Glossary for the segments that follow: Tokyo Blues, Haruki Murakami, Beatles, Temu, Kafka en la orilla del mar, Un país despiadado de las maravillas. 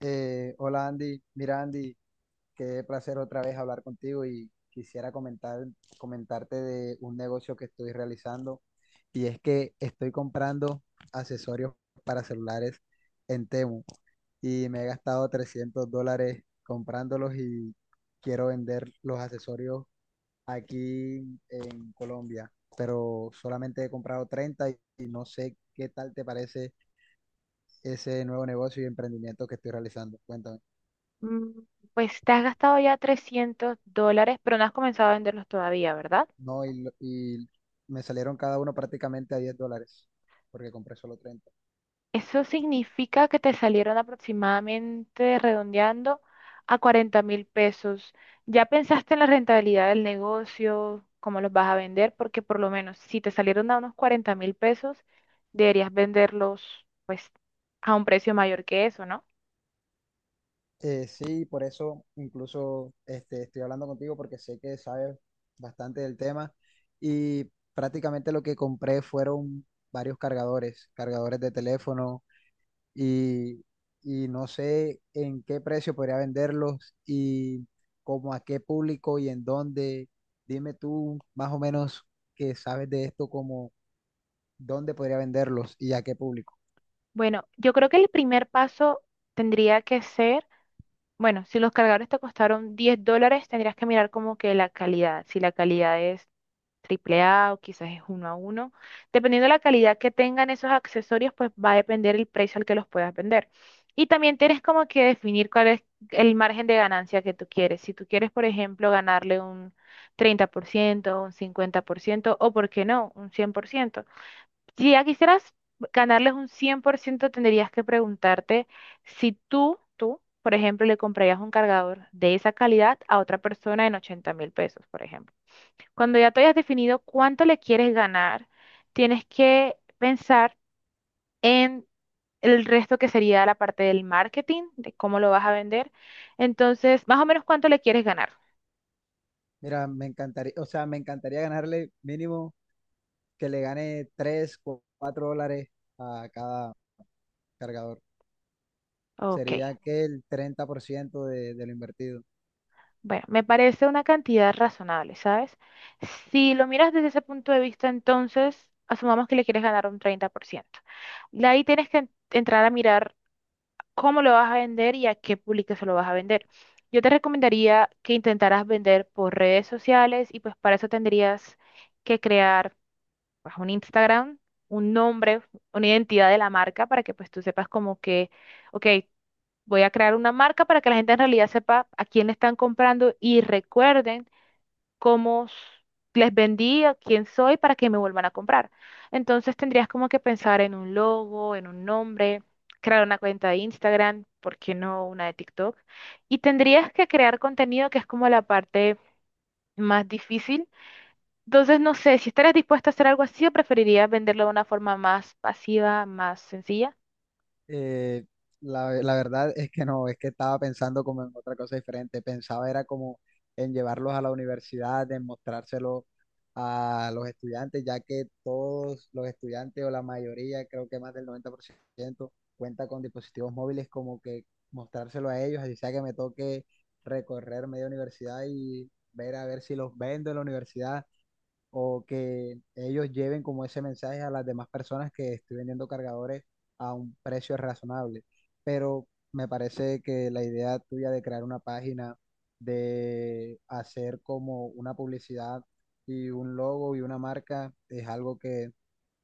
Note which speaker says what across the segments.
Speaker 1: Hola Andy, mira Andy, qué placer otra vez hablar contigo y quisiera comentarte de un negocio que estoy realizando y es que estoy comprando accesorios para celulares en Temu y me he gastado $300 comprándolos y quiero vender los accesorios aquí en Colombia, pero solamente he comprado 30 y no sé qué tal te parece ese nuevo negocio y emprendimiento que estoy realizando. Cuéntame.
Speaker 2: Mm, Pues te has gastado ya $300, pero no has comenzado a venderlos todavía, ¿verdad?
Speaker 1: No, y me salieron cada uno prácticamente a $10, porque compré solo 30.
Speaker 2: Eso significa que te salieron aproximadamente, redondeando, a 40.000 pesos. ¿Ya pensaste en la rentabilidad del negocio, cómo los vas a vender? Porque por lo menos si te salieron a unos 40.000 pesos, deberías venderlos pues a un precio mayor que eso, ¿no?
Speaker 1: Sí, por eso incluso estoy hablando contigo porque sé que sabes bastante del tema y prácticamente lo que compré fueron varios cargadores, cargadores de teléfono y, y no sé en qué precio podría venderlos y como a qué público y en dónde. Dime tú más o menos que sabes de esto dónde podría venderlos y a qué público.
Speaker 2: Bueno, yo creo que el primer paso tendría que ser. Bueno, si los cargadores te costaron $10, tendrías que mirar como que la calidad, si la calidad es triple A o quizás es uno a uno. Dependiendo de la calidad que tengan esos accesorios, pues va a depender el precio al que los puedas vender. Y también tienes como que definir cuál es el margen de ganancia que tú quieres. Si tú quieres, por ejemplo, ganarle un 30%, un 50%, o, ¿por qué no?, un 100%. Si ya quisieras ganarles un 100%, tendrías que preguntarte si tú, por ejemplo, le comprarías un cargador de esa calidad a otra persona en 80.000 pesos, por ejemplo. Cuando ya te hayas definido cuánto le quieres ganar, tienes que pensar en el resto que sería la parte del marketing, de cómo lo vas a vender. Entonces, más o menos cuánto le quieres ganar.
Speaker 1: Mira, me encantaría, o sea, me encantaría ganarle mínimo que le gane $3, $4 a cada cargador.
Speaker 2: Ok.
Speaker 1: Sería que el 30% de lo invertido.
Speaker 2: Bueno, me parece una cantidad razonable, ¿sabes? Si lo miras desde ese punto de vista, entonces asumamos que le quieres ganar un 30%. De ahí tienes que entrar a mirar cómo lo vas a vender y a qué público se lo vas a vender. Yo te recomendaría que intentaras vender por redes sociales y pues para eso tendrías que crear pues, un Instagram, un nombre, una identidad de la marca para que pues tú sepas como que, ok, voy a crear una marca para que la gente en realidad sepa a quién le están comprando y recuerden cómo les vendí, a quién soy, para que me vuelvan a comprar. Entonces tendrías como que pensar en un logo, en un nombre, crear una cuenta de Instagram, ¿por qué no una de TikTok? Y tendrías que crear contenido que es como la parte más difícil. Entonces, no sé, si estarías dispuesta a hacer algo así, o preferirías venderlo de una forma más pasiva, más sencilla.
Speaker 1: Eh, la verdad es que no, es que estaba pensando como en otra cosa diferente. Pensaba era como en llevarlos a la universidad, en mostrárselo a los estudiantes, ya que todos los estudiantes o la mayoría, creo que más del 90% cuenta con dispositivos móviles, como que mostrárselo a ellos, así sea que me toque recorrer media universidad y ver a ver si los vendo en la universidad o que ellos lleven como ese mensaje a las demás personas que estoy vendiendo cargadores a un precio razonable. Pero me parece que la idea tuya de crear una página, de hacer como una publicidad y un logo y una marca es algo que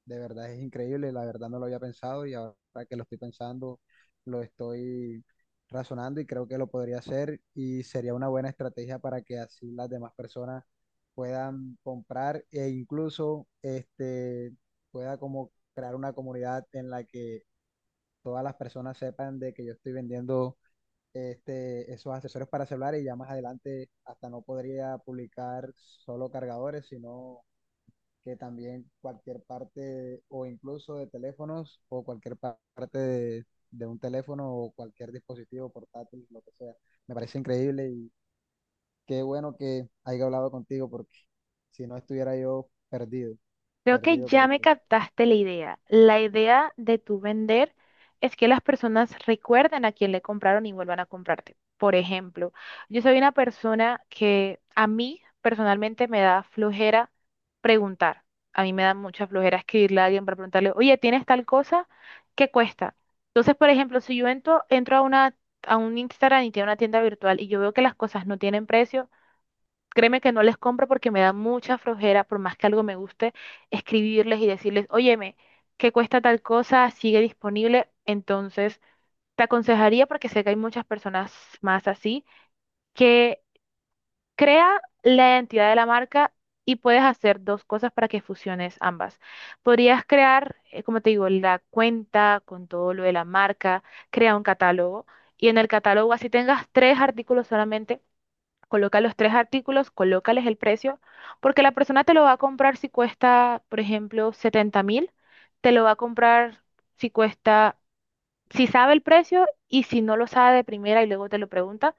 Speaker 1: de verdad es increíble, la verdad no lo había pensado y ahora que lo estoy pensando, lo estoy razonando y creo que lo podría hacer y sería una buena estrategia para que así las demás personas puedan comprar e incluso pueda como crear una comunidad en la que todas las personas sepan de que yo estoy vendiendo esos accesorios para celulares y ya más adelante hasta no podría publicar solo cargadores, sino que también cualquier parte o incluso de teléfonos o cualquier parte de un teléfono o cualquier dispositivo portátil, lo que sea. Me parece increíble y qué bueno que haya hablado contigo porque si no estuviera yo perdido,
Speaker 2: Creo que
Speaker 1: perdido,
Speaker 2: ya me
Speaker 1: perdido.
Speaker 2: captaste la idea. La idea de tu vender es que las personas recuerden a quién le compraron y vuelvan a comprarte. Por ejemplo, yo soy una persona que a mí personalmente me da flojera preguntar. A mí me da mucha flojera escribirle a alguien para preguntarle, oye, ¿tienes tal cosa? ¿Qué cuesta? Entonces, por ejemplo, si yo entro a una, a un Instagram y tiene una tienda virtual y yo veo que las cosas no tienen precio, créeme que no les compro porque me da mucha flojera, por más que algo me guste, escribirles y decirles, óyeme, ¿qué cuesta tal cosa? ¿Sigue disponible? Entonces, te aconsejaría, porque sé que hay muchas personas más así, que crea la identidad de la marca y puedes hacer dos cosas para que fusiones ambas. Podrías crear, como te digo, la cuenta con todo lo de la marca, crea un catálogo y en el catálogo así tengas tres artículos solamente. Coloca los tres artículos, colócales el precio, porque la persona te lo va a comprar si cuesta, por ejemplo, 70.000, te lo va a comprar si cuesta, si sabe el precio y si no lo sabe de primera y luego te lo pregunta,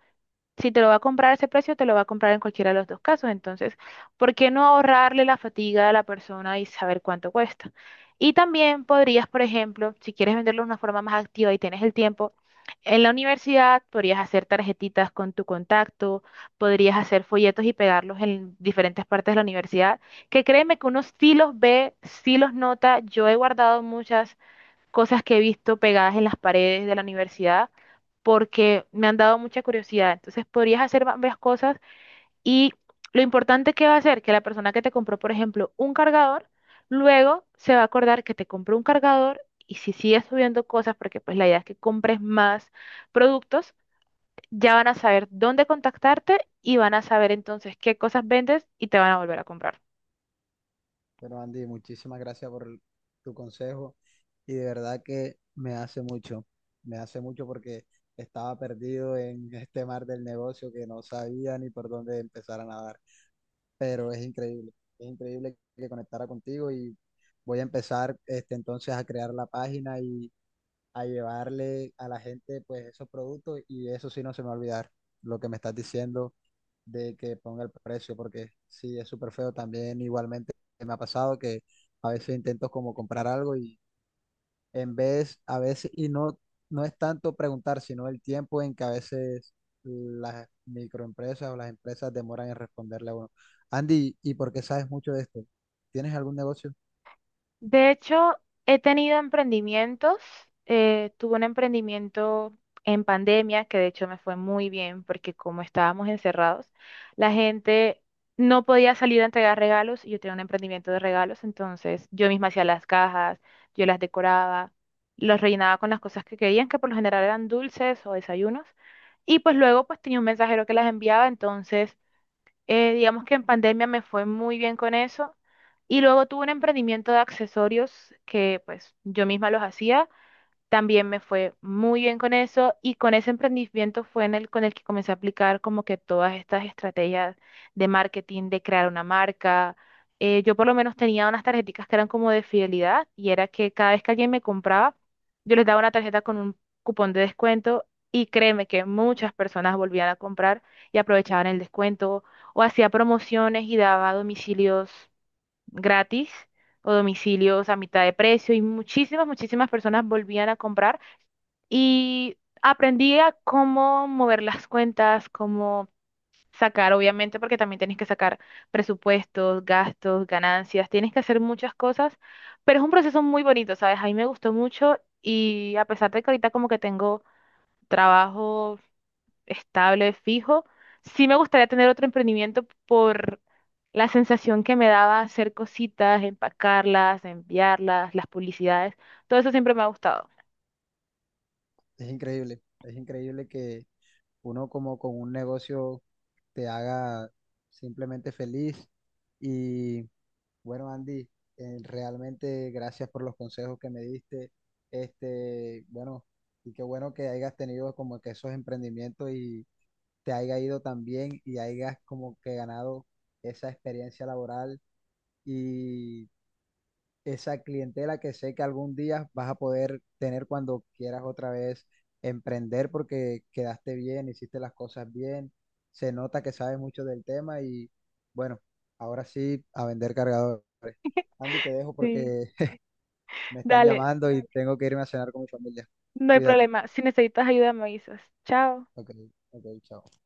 Speaker 2: si te lo va a comprar a ese precio, te lo va a comprar en cualquiera de los dos casos. Entonces, ¿por qué no ahorrarle la fatiga a la persona y saber cuánto cuesta? Y también podrías, por ejemplo, si quieres venderlo de una forma más activa y tienes el tiempo, en la universidad podrías hacer tarjetitas con tu contacto, podrías hacer folletos y pegarlos en diferentes partes de la universidad, que créeme que uno sí los ve, sí los nota. Yo he guardado muchas cosas que he visto pegadas en las paredes de la universidad porque me han dado mucha curiosidad. Entonces podrías hacer varias cosas y lo importante que va a ser que la persona que te compró, por ejemplo, un cargador, luego se va a acordar que te compró un cargador y si sigues subiendo cosas, porque pues la idea es que compres más productos, ya van a saber dónde contactarte y van a saber entonces qué cosas vendes y te van a volver a comprar.
Speaker 1: Pero Andy, muchísimas gracias por tu consejo y de verdad que me hace mucho porque estaba perdido en este mar del negocio que no sabía ni por dónde empezar a nadar. Pero es increíble que conectara contigo y voy a empezar entonces a crear la página y a llevarle a la gente pues esos productos y eso sí no se me va a olvidar lo que me estás diciendo de que ponga el precio porque sí es súper feo también igualmente me ha pasado que a veces intento como comprar algo y en vez, a veces, y no, no es tanto preguntar, sino el tiempo en que a veces las microempresas o las empresas demoran en responderle a uno. Andy, ¿y por qué sabes mucho de esto? ¿Tienes algún negocio?
Speaker 2: De hecho, he tenido emprendimientos. Tuve un emprendimiento en pandemia que de hecho me fue muy bien porque como estábamos encerrados, la gente no podía salir a entregar regalos y yo tenía un emprendimiento de regalos, entonces yo misma hacía las cajas, yo las decoraba, los rellenaba con las cosas que querían, que por lo general eran dulces o desayunos. Y pues luego pues tenía un mensajero que las enviaba, entonces digamos que en pandemia me fue muy bien con eso. Y luego tuve un emprendimiento de accesorios que pues yo misma los hacía. También me fue muy bien con eso y con ese emprendimiento fue en el con el que comencé a aplicar como que todas estas estrategias de marketing, de crear una marca. Yo por lo menos tenía unas tarjeticas que eran como de fidelidad y era que cada vez que alguien me compraba, yo les daba una tarjeta con un cupón de descuento y créeme que muchas personas volvían a comprar y aprovechaban el descuento o hacía promociones y daba domicilios gratis o domicilios a mitad de precio y muchísimas, muchísimas personas volvían a comprar y aprendí a cómo mover las cuentas, cómo sacar, obviamente, porque también tienes que sacar presupuestos, gastos, ganancias, tienes que hacer muchas cosas, pero es un proceso muy bonito, ¿sabes? A mí me gustó mucho y a pesar de que ahorita como que tengo trabajo estable, fijo. Sí me gustaría tener otro emprendimiento por la sensación que me daba hacer cositas, empacarlas, enviarlas, las publicidades. Todo eso siempre me ha gustado.
Speaker 1: Es increíble que uno como con un negocio te haga simplemente feliz. Y bueno, Andy, realmente gracias por los consejos que me diste. Bueno, y qué bueno que hayas tenido como que esos emprendimientos y te haya ido tan bien y hayas como que ganado esa experiencia laboral y esa clientela que sé que algún día vas a poder tener cuando quieras otra vez emprender porque quedaste bien, hiciste las cosas bien, se nota que sabes mucho del tema y bueno, ahora sí a vender cargadores. Andy, te dejo
Speaker 2: Sí,
Speaker 1: porque me están
Speaker 2: dale,
Speaker 1: llamando y tengo que irme a cenar con mi familia.
Speaker 2: no hay
Speaker 1: Cuídate.
Speaker 2: problema. Si necesitas ayuda, me avisas. Chao.
Speaker 1: Ok, ok, chao.